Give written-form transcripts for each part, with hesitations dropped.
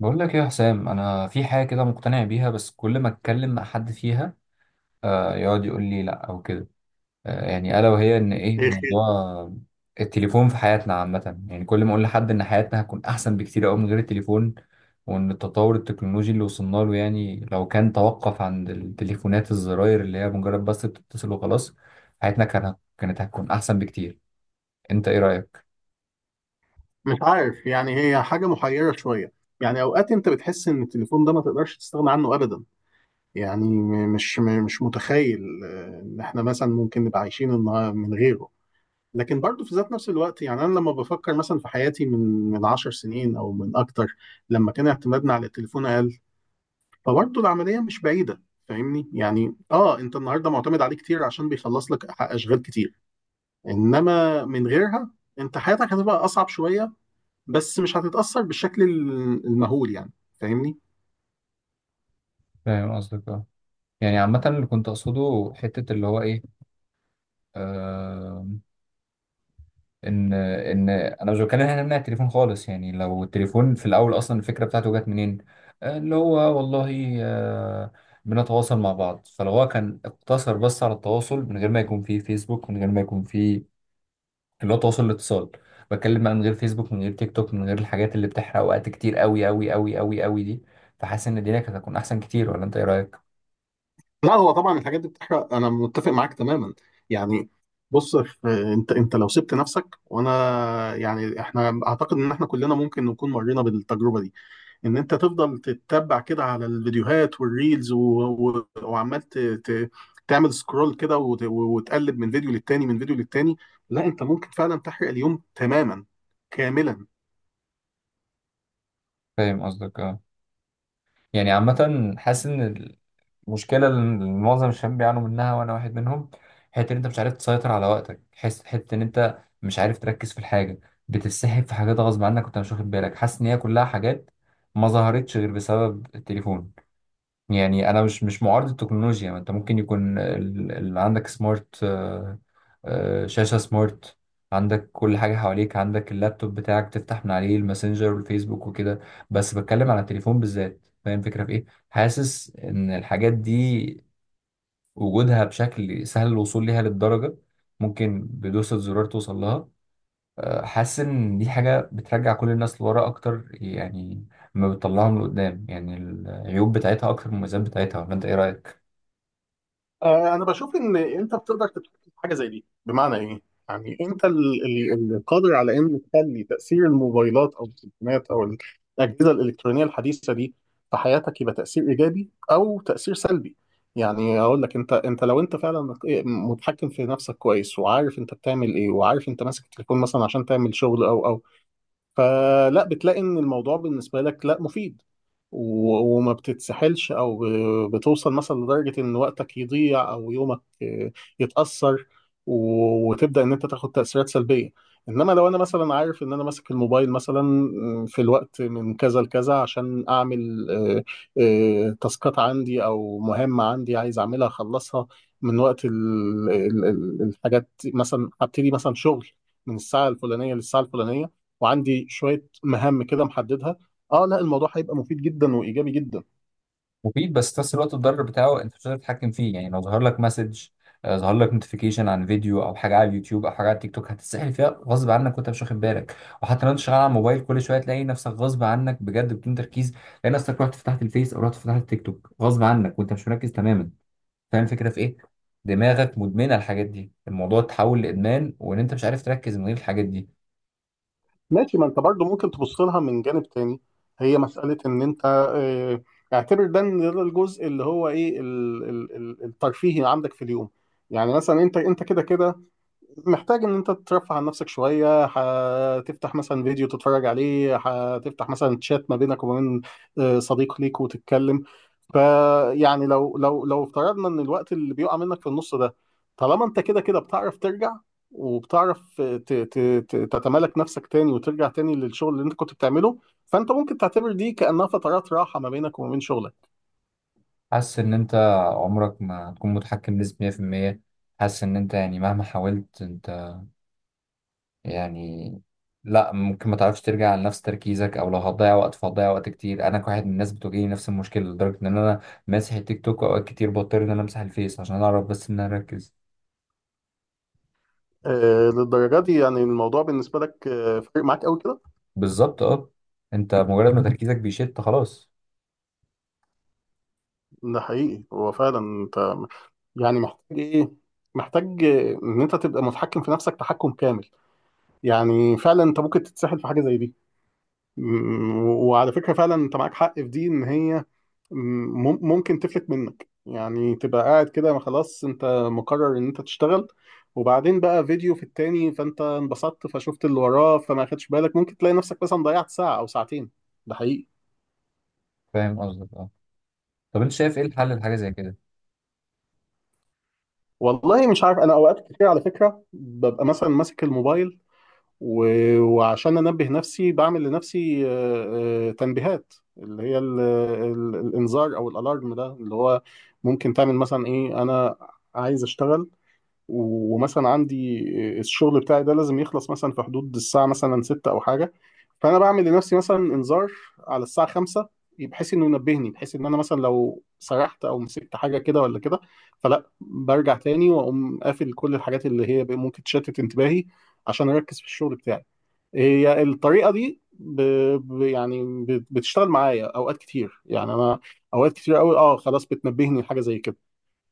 بقول لك إيه يا حسام؟ انا في حاجه كده مقتنع بيها، بس كل ما اتكلم مع حد فيها يقعد يقول لي لا او كده. يعني الا وهي ان ايه؟ إيه خير؟ موضوع التليفون في حياتنا عامه. يعني كل ما اقول لحد ان حياتنا هتكون احسن بكتير قوي من غير التليفون، وان التطور التكنولوجي اللي وصلنا له، يعني لو كان توقف عند التليفونات الزراير اللي هي مجرد بس بتتصل وخلاص، حياتنا كانت هتكون احسن بكتير. انت ايه رايك؟ مش عارف يعني هي حاجة محيرة شوية. يعني أوقات أنت بتحس إن التليفون ده ما تقدرش تستغنى عنه أبدا. يعني مش متخيل إن إحنا مثلا ممكن نبقى عايشين من غيره. لكن برضه في ذات نفس الوقت، يعني أنا لما بفكر مثلا في حياتي من 10 سنين أو من أكتر، لما كان اعتمادنا على التليفون أقل، فبرضه العملية مش بعيدة. فاهمني؟ يعني اه، انت النهارده معتمد عليه كتير عشان بيخلص لك اشغال كتير، انما من غيرها انت حياتك هتبقى اصعب شويه، بس مش هتتأثر بالشكل المهول يعني. فاهمني؟ فاهم قصدك، اه. يعني عامه اللي كنت اقصده حته اللي هو ايه، آه، ان انا مش بتكلم هنا نمنع التليفون خالص، يعني لو التليفون في الاول اصلا الفكره بتاعته جت منين؟ اللي هو والله، بنتواصل مع بعض. فلو هو كان اقتصر بس على التواصل من غير ما يكون فيه فيسبوك، من غير ما يكون فيه اللي هو تواصل الاتصال، بتكلم بقى من غير فيسبوك من غير تيك توك من غير الحاجات اللي بتحرق وقت كتير قوي قوي قوي قوي قوي دي، فحاسس ان الدنيا كانت هتكون احسن كتير. ولا انت ايه رايك؟ لا، هو طبعا الحاجات دي بتحرق، انا متفق معاك تماما. يعني بص، انت لو سبت نفسك وانا، يعني احنا اعتقد ان احنا كلنا ممكن نكون مرينا بالتجربه دي، ان انت تفضل تتبع كده على الفيديوهات والريلز و تعمل سكرول كده وت... وتقلب من فيديو للتاني، من فيديو للتاني. لا، انت ممكن فعلا تحرق اليوم تماما كاملا. فاهم قصدك، اه. يعني عامه حاسس ان مشكلة اللي معظم الشباب بيعانوا منها، وأنا واحد منهم، حتة إن أنت مش عارف تسيطر على وقتك. حس حتة إن أنت مش عارف تركز في الحاجة، بتتسحب في حاجات غصب عنك وأنت مش واخد بالك. حاسس إن هي كلها حاجات ما ظهرتش غير بسبب التليفون. يعني انا مش معارض التكنولوجيا، ما انت ممكن يكون عندك سمارت، شاشة سمارت، عندك كل حاجة حواليك، عندك اللابتوب بتاعك تفتح من عليه الماسنجر والفيسبوك وكده، بس بتكلم على التليفون بالذات. فاهم الفكرة في ايه؟ حاسس ان الحاجات دي وجودها بشكل سهل الوصول ليها للدرجة، ممكن بدوسة زرار توصل لها. حاسس ان دي حاجة بترجع كل الناس لورا اكتر يعني، ما بتطلعهم لقدام. يعني العيوب بتاعتها اكتر من المميزات بتاعتها. ولا انت ايه رايك؟ انا بشوف ان انت بتقدر تتحكم في حاجه زي دي. بمعنى ايه؟ يعني انت القادر على ان تخلي تاثير الموبايلات او التليفونات او الاجهزه الالكترونيه الحديثه دي في حياتك يبقى تاثير ايجابي او تاثير سلبي. يعني اقول لك، انت لو فعلا متحكم في نفسك كويس، وعارف انت بتعمل ايه، وعارف انت ماسك التليفون مثلا عشان تعمل شغل او، فلا بتلاقي ان الموضوع بالنسبه لك لا مفيد، وما بتتسحلش او بتوصل مثلا لدرجه ان وقتك يضيع او يومك يتاثر، وتبدا ان انت تاخد تاثيرات سلبيه. انما لو انا مثلا عارف ان انا ماسك الموبايل مثلا في الوقت من كذا لكذا عشان اعمل تاسكات عندي او مهمه عندي عايز اعملها اخلصها. من وقت الحاجات، مثلا هبتدي مثلا شغل من الساعه الفلانيه للساعه الفلانيه وعندي شويه مهام كده محددها، اه لا الموضوع هيبقى مفيد جدا وايجابي جدا. مفيد، بس في نفس الوقت الضرر بتاعه انت مش قادر تتحكم فيه. يعني لو ظهر لك مسج، ظهر لك نوتيفيكيشن عن فيديو او حاجه على اليوتيوب او حاجه على التيك توك، هتتسحل فيها غصب عنك وانت مش واخد بالك. وحتى لو انت شغال على الموبايل، كل شويه تلاقي نفسك غصب عنك بجد بدون تركيز، تلاقي نفسك رحت فتحت الفيس او رحت فتحت التيك توك غصب عنك وانت مش مركز تماما. فاهم الفكره في ايه؟ دماغك مدمنه الحاجات دي، الموضوع اتحول لادمان، وان انت مش عارف تركز من غير الحاجات دي. ماشي، ما انت برضو ممكن تبص لها من جانب تاني. هي مساله ان انت آه، اعتبر ده إن ده الجزء اللي هو ايه الترفيهي عندك في اليوم. يعني مثلا انت كده كده محتاج ان انت ترفه عن نفسك شويه، هتفتح مثلا فيديو تتفرج عليه، هتفتح مثلا تشات ما بينك وما بين صديق ليك وتتكلم. فيعني لو افترضنا ان الوقت اللي بيقع منك في النص ده، طالما انت كده كده بتعرف ترجع وبتعرف تتمالك نفسك تاني وترجع تاني للشغل اللي انت كنت بتعمله، فانت ممكن تعتبر دي كأنها فترات راحه ما بينك وما بين شغلك. حاسس ان انت عمرك ما هتكون متحكم بنسبه 100%. حاسس ان انت يعني مهما حاولت انت، يعني لا، ممكن ما تعرفش ترجع لنفس تركيزك، او لو هتضيع وقت فهتضيع وقت كتير. انا كواحد من الناس بتواجهني نفس المشكله، لدرجه ان انا ماسح التيك توك. اوقات كتير بضطر ان انا امسح الفيس عشان اعرف بس ان انا اركز. للدرجه دي يعني الموضوع بالنسبه لك فارق معاك قوي كده؟ بالظبط، اه. انت مجرد ما تركيزك بيشت، خلاص. ده حقيقي، هو فعلا انت يعني محتاج ايه؟ محتاج ان انت تبقى متحكم في نفسك تحكم كامل. يعني فعلا انت ممكن تتسحل في حاجه زي دي. وعلى فكره فعلا انت معاك حق في دي، ان هي ممكن تفلت منك. يعني تبقى قاعد كده، ما خلاص انت مقرر ان انت تشتغل، وبعدين بقى فيديو في التاني فانت انبسطت فشفت اللي وراه فما خدش بالك، ممكن تلاقي نفسك مثلا ضيعت ساعه او ساعتين. ده حقيقي. فاهم قصدك، اه. طب انت شايف ايه الحل لحاجه زي كده؟ والله مش عارف، انا اوقات كتير على فكره ببقى مثلا ماسك الموبايل، وعشان انبه نفسي بعمل لنفسي تنبيهات اللي هي الانذار او الالارم ده، اللي هو ممكن تعمل مثلا ايه، انا عايز اشتغل، ومثلا عندي الشغل بتاعي ده لازم يخلص مثلا في حدود الساعة مثلا ستة او حاجة، فانا بعمل لنفسي مثلا انذار على الساعة خمسة، بحيث انه ينبهني، بحيث ان انا مثلا لو سرحت او مسكت حاجة كده ولا كده، فلا برجع تاني واقوم قافل كل الحاجات اللي هي ممكن تشتت انتباهي عشان اركز في الشغل بتاعي. هي الطريقه دي بتشتغل معايا اوقات كتير. يعني انا اوقات كتير قوي اه خلاص بتنبهني لحاجه زي كده،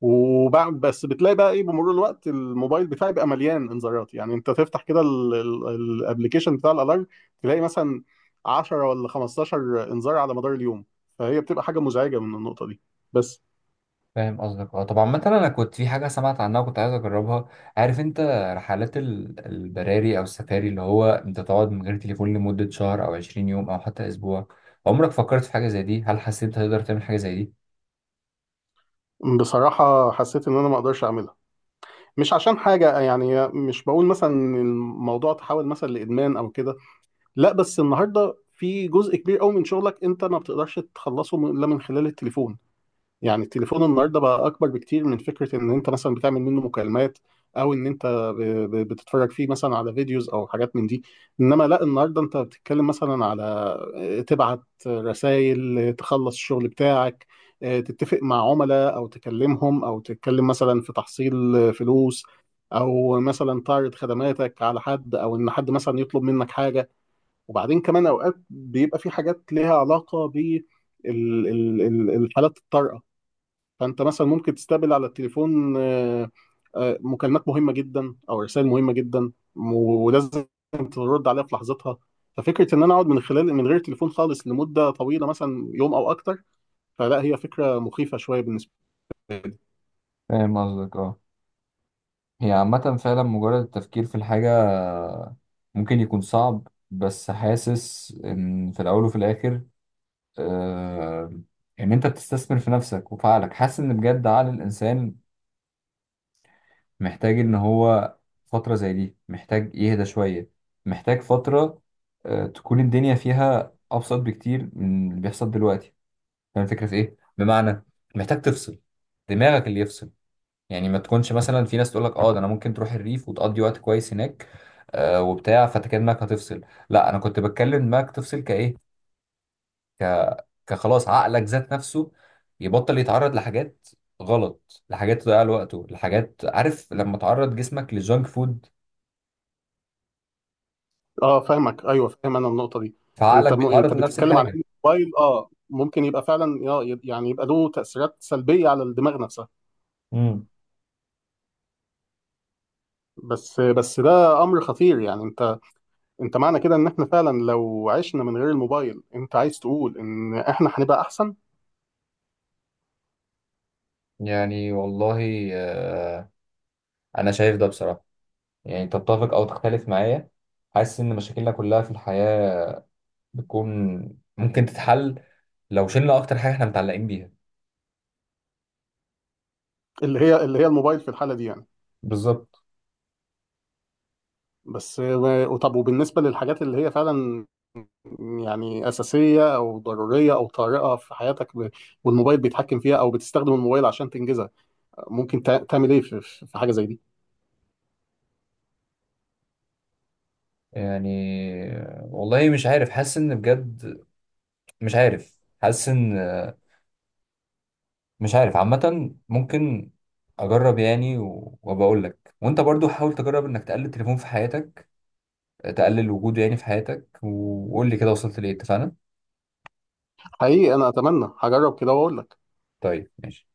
وبعد بس بتلاقي بقى ايه بمرور الوقت الموبايل بتاعي بقى مليان انذارات، يعني انت تفتح كده الابلكيشن بتاع الالارم تلاقي مثلا 10 ولا 15 انذار على مدار اليوم، فهي بتبقى حاجه مزعجه من النقطه دي بس. فاهم قصدك، اه. طبعا مثلا انا كنت في حاجه سمعت عنها وكنت عايز اجربها، عارف انت رحلات البراري او السفاري، اللي هو انت تقعد من غير تليفون لمده شهر او 20 يوم او حتى اسبوع. عمرك فكرت في حاجه زي دي؟ هل حسيت انت تقدر تعمل حاجه زي دي؟ بصراحة حسيت إن أنا ما أقدرش أعملها، مش عشان حاجة، يعني مش بقول مثلا إن الموضوع تحول مثلا لإدمان أو كده، لا، بس النهارده في جزء كبير قوي من شغلك انت ما بتقدرش تخلصه الا من خلال التليفون. يعني التليفون النهارده بقى اكبر بكتير من فكره ان انت مثلا بتعمل منه مكالمات او ان انت ب- بتتفرج فيه مثلا على فيديوز او حاجات من دي. انما لا، النهارده انت بتتكلم مثلا على تبعت رسائل، تخلص الشغل بتاعك، تتفق مع عملاء او تكلمهم او تتكلم مثلا في تحصيل فلوس، او مثلا تعرض خدماتك على حد او ان حد مثلا يطلب منك حاجه. وبعدين كمان اوقات بيبقى في حاجات ليها علاقه بالحالات الطارئه، فانت مثلا ممكن تستقبل على التليفون مكالمات مهمه جدا او رسائل مهمه جدا، ولازم ترد عليها في لحظتها. ففكره ان انا اقعد من خلال من غير تليفون خالص لمده طويله مثلا يوم او اكتر، فلا، هي فكره مخيفه شويه بالنسبه لي. فاهم قصدك، اه. هي عامة فعلا مجرد التفكير في الحاجة ممكن يكون صعب، بس حاسس إن في الأول وفي الآخر، آه، إن أنت بتستثمر في نفسك وفي عقلك. حاسس إن بجد عقل الإنسان محتاج ان هو فترة زي دي، محتاج يهدى شوية، محتاج فترة تكون الدنيا فيها ابسط بكتير من اللي بيحصل دلوقتي. فاهم الفكرة في ايه؟ بمعنى محتاج تفصل دماغك، اللي يفصل. يعني ما تكونش مثلا في ناس تقول لك اه ده انا ممكن تروح الريف وتقضي وقت كويس هناك، وبتاع، فانت كده دماغك هتفصل. لا، انا كنت بتكلم دماغك تفصل كايه، ك... كخلاص عقلك ذات نفسه يبطل يتعرض لحاجات غلط، لحاجات تضيع له وقته، لحاجات، عارف لما تعرض جسمك لجانك فود، اه، فاهمك، ايوه فاهم انا النقطه دي. فعقلك انت بيتعرض انت لنفس بتتكلم على الحاجة. إن الموبايل اه ممكن يبقى فعلا يعني يبقى له تاثيرات سلبيه على الدماغ نفسها. امم بس ده امر خطير. يعني انت، انت معنى كده ان احنا فعلا لو عشنا من غير الموبايل انت عايز تقول ان احنا هنبقى احسن؟ يعني والله، أنا شايف ده بصراحة، يعني تتفق أو تختلف معايا. حاسس إن مشاكلنا كلها في الحياة بتكون ممكن تتحل لو شلنا أكتر حاجة إحنا متعلقين بيها. اللي هي الموبايل في الحالة دي يعني. بالظبط. بس طب وبالنسبة للحاجات اللي هي فعلا يعني أساسية أو ضرورية أو طارئة في حياتك، والموبايل بيتحكم فيها أو بتستخدم الموبايل عشان تنجزها، ممكن تعمل إيه في في حاجة زي دي؟ يعني والله مش عارف، حاسس إن بجد مش عارف، حاسس إن مش عارف. عامة ممكن أجرب يعني، وبقول لك، وأنت برضو حاول تجرب إنك تقلل التليفون في حياتك، تقلل وجوده يعني في حياتك، وقول لي كده وصلت لإيه. اتفقنا؟ حقيقي أنا أتمنى هجرب كده وأقول لك. طيب ماشي.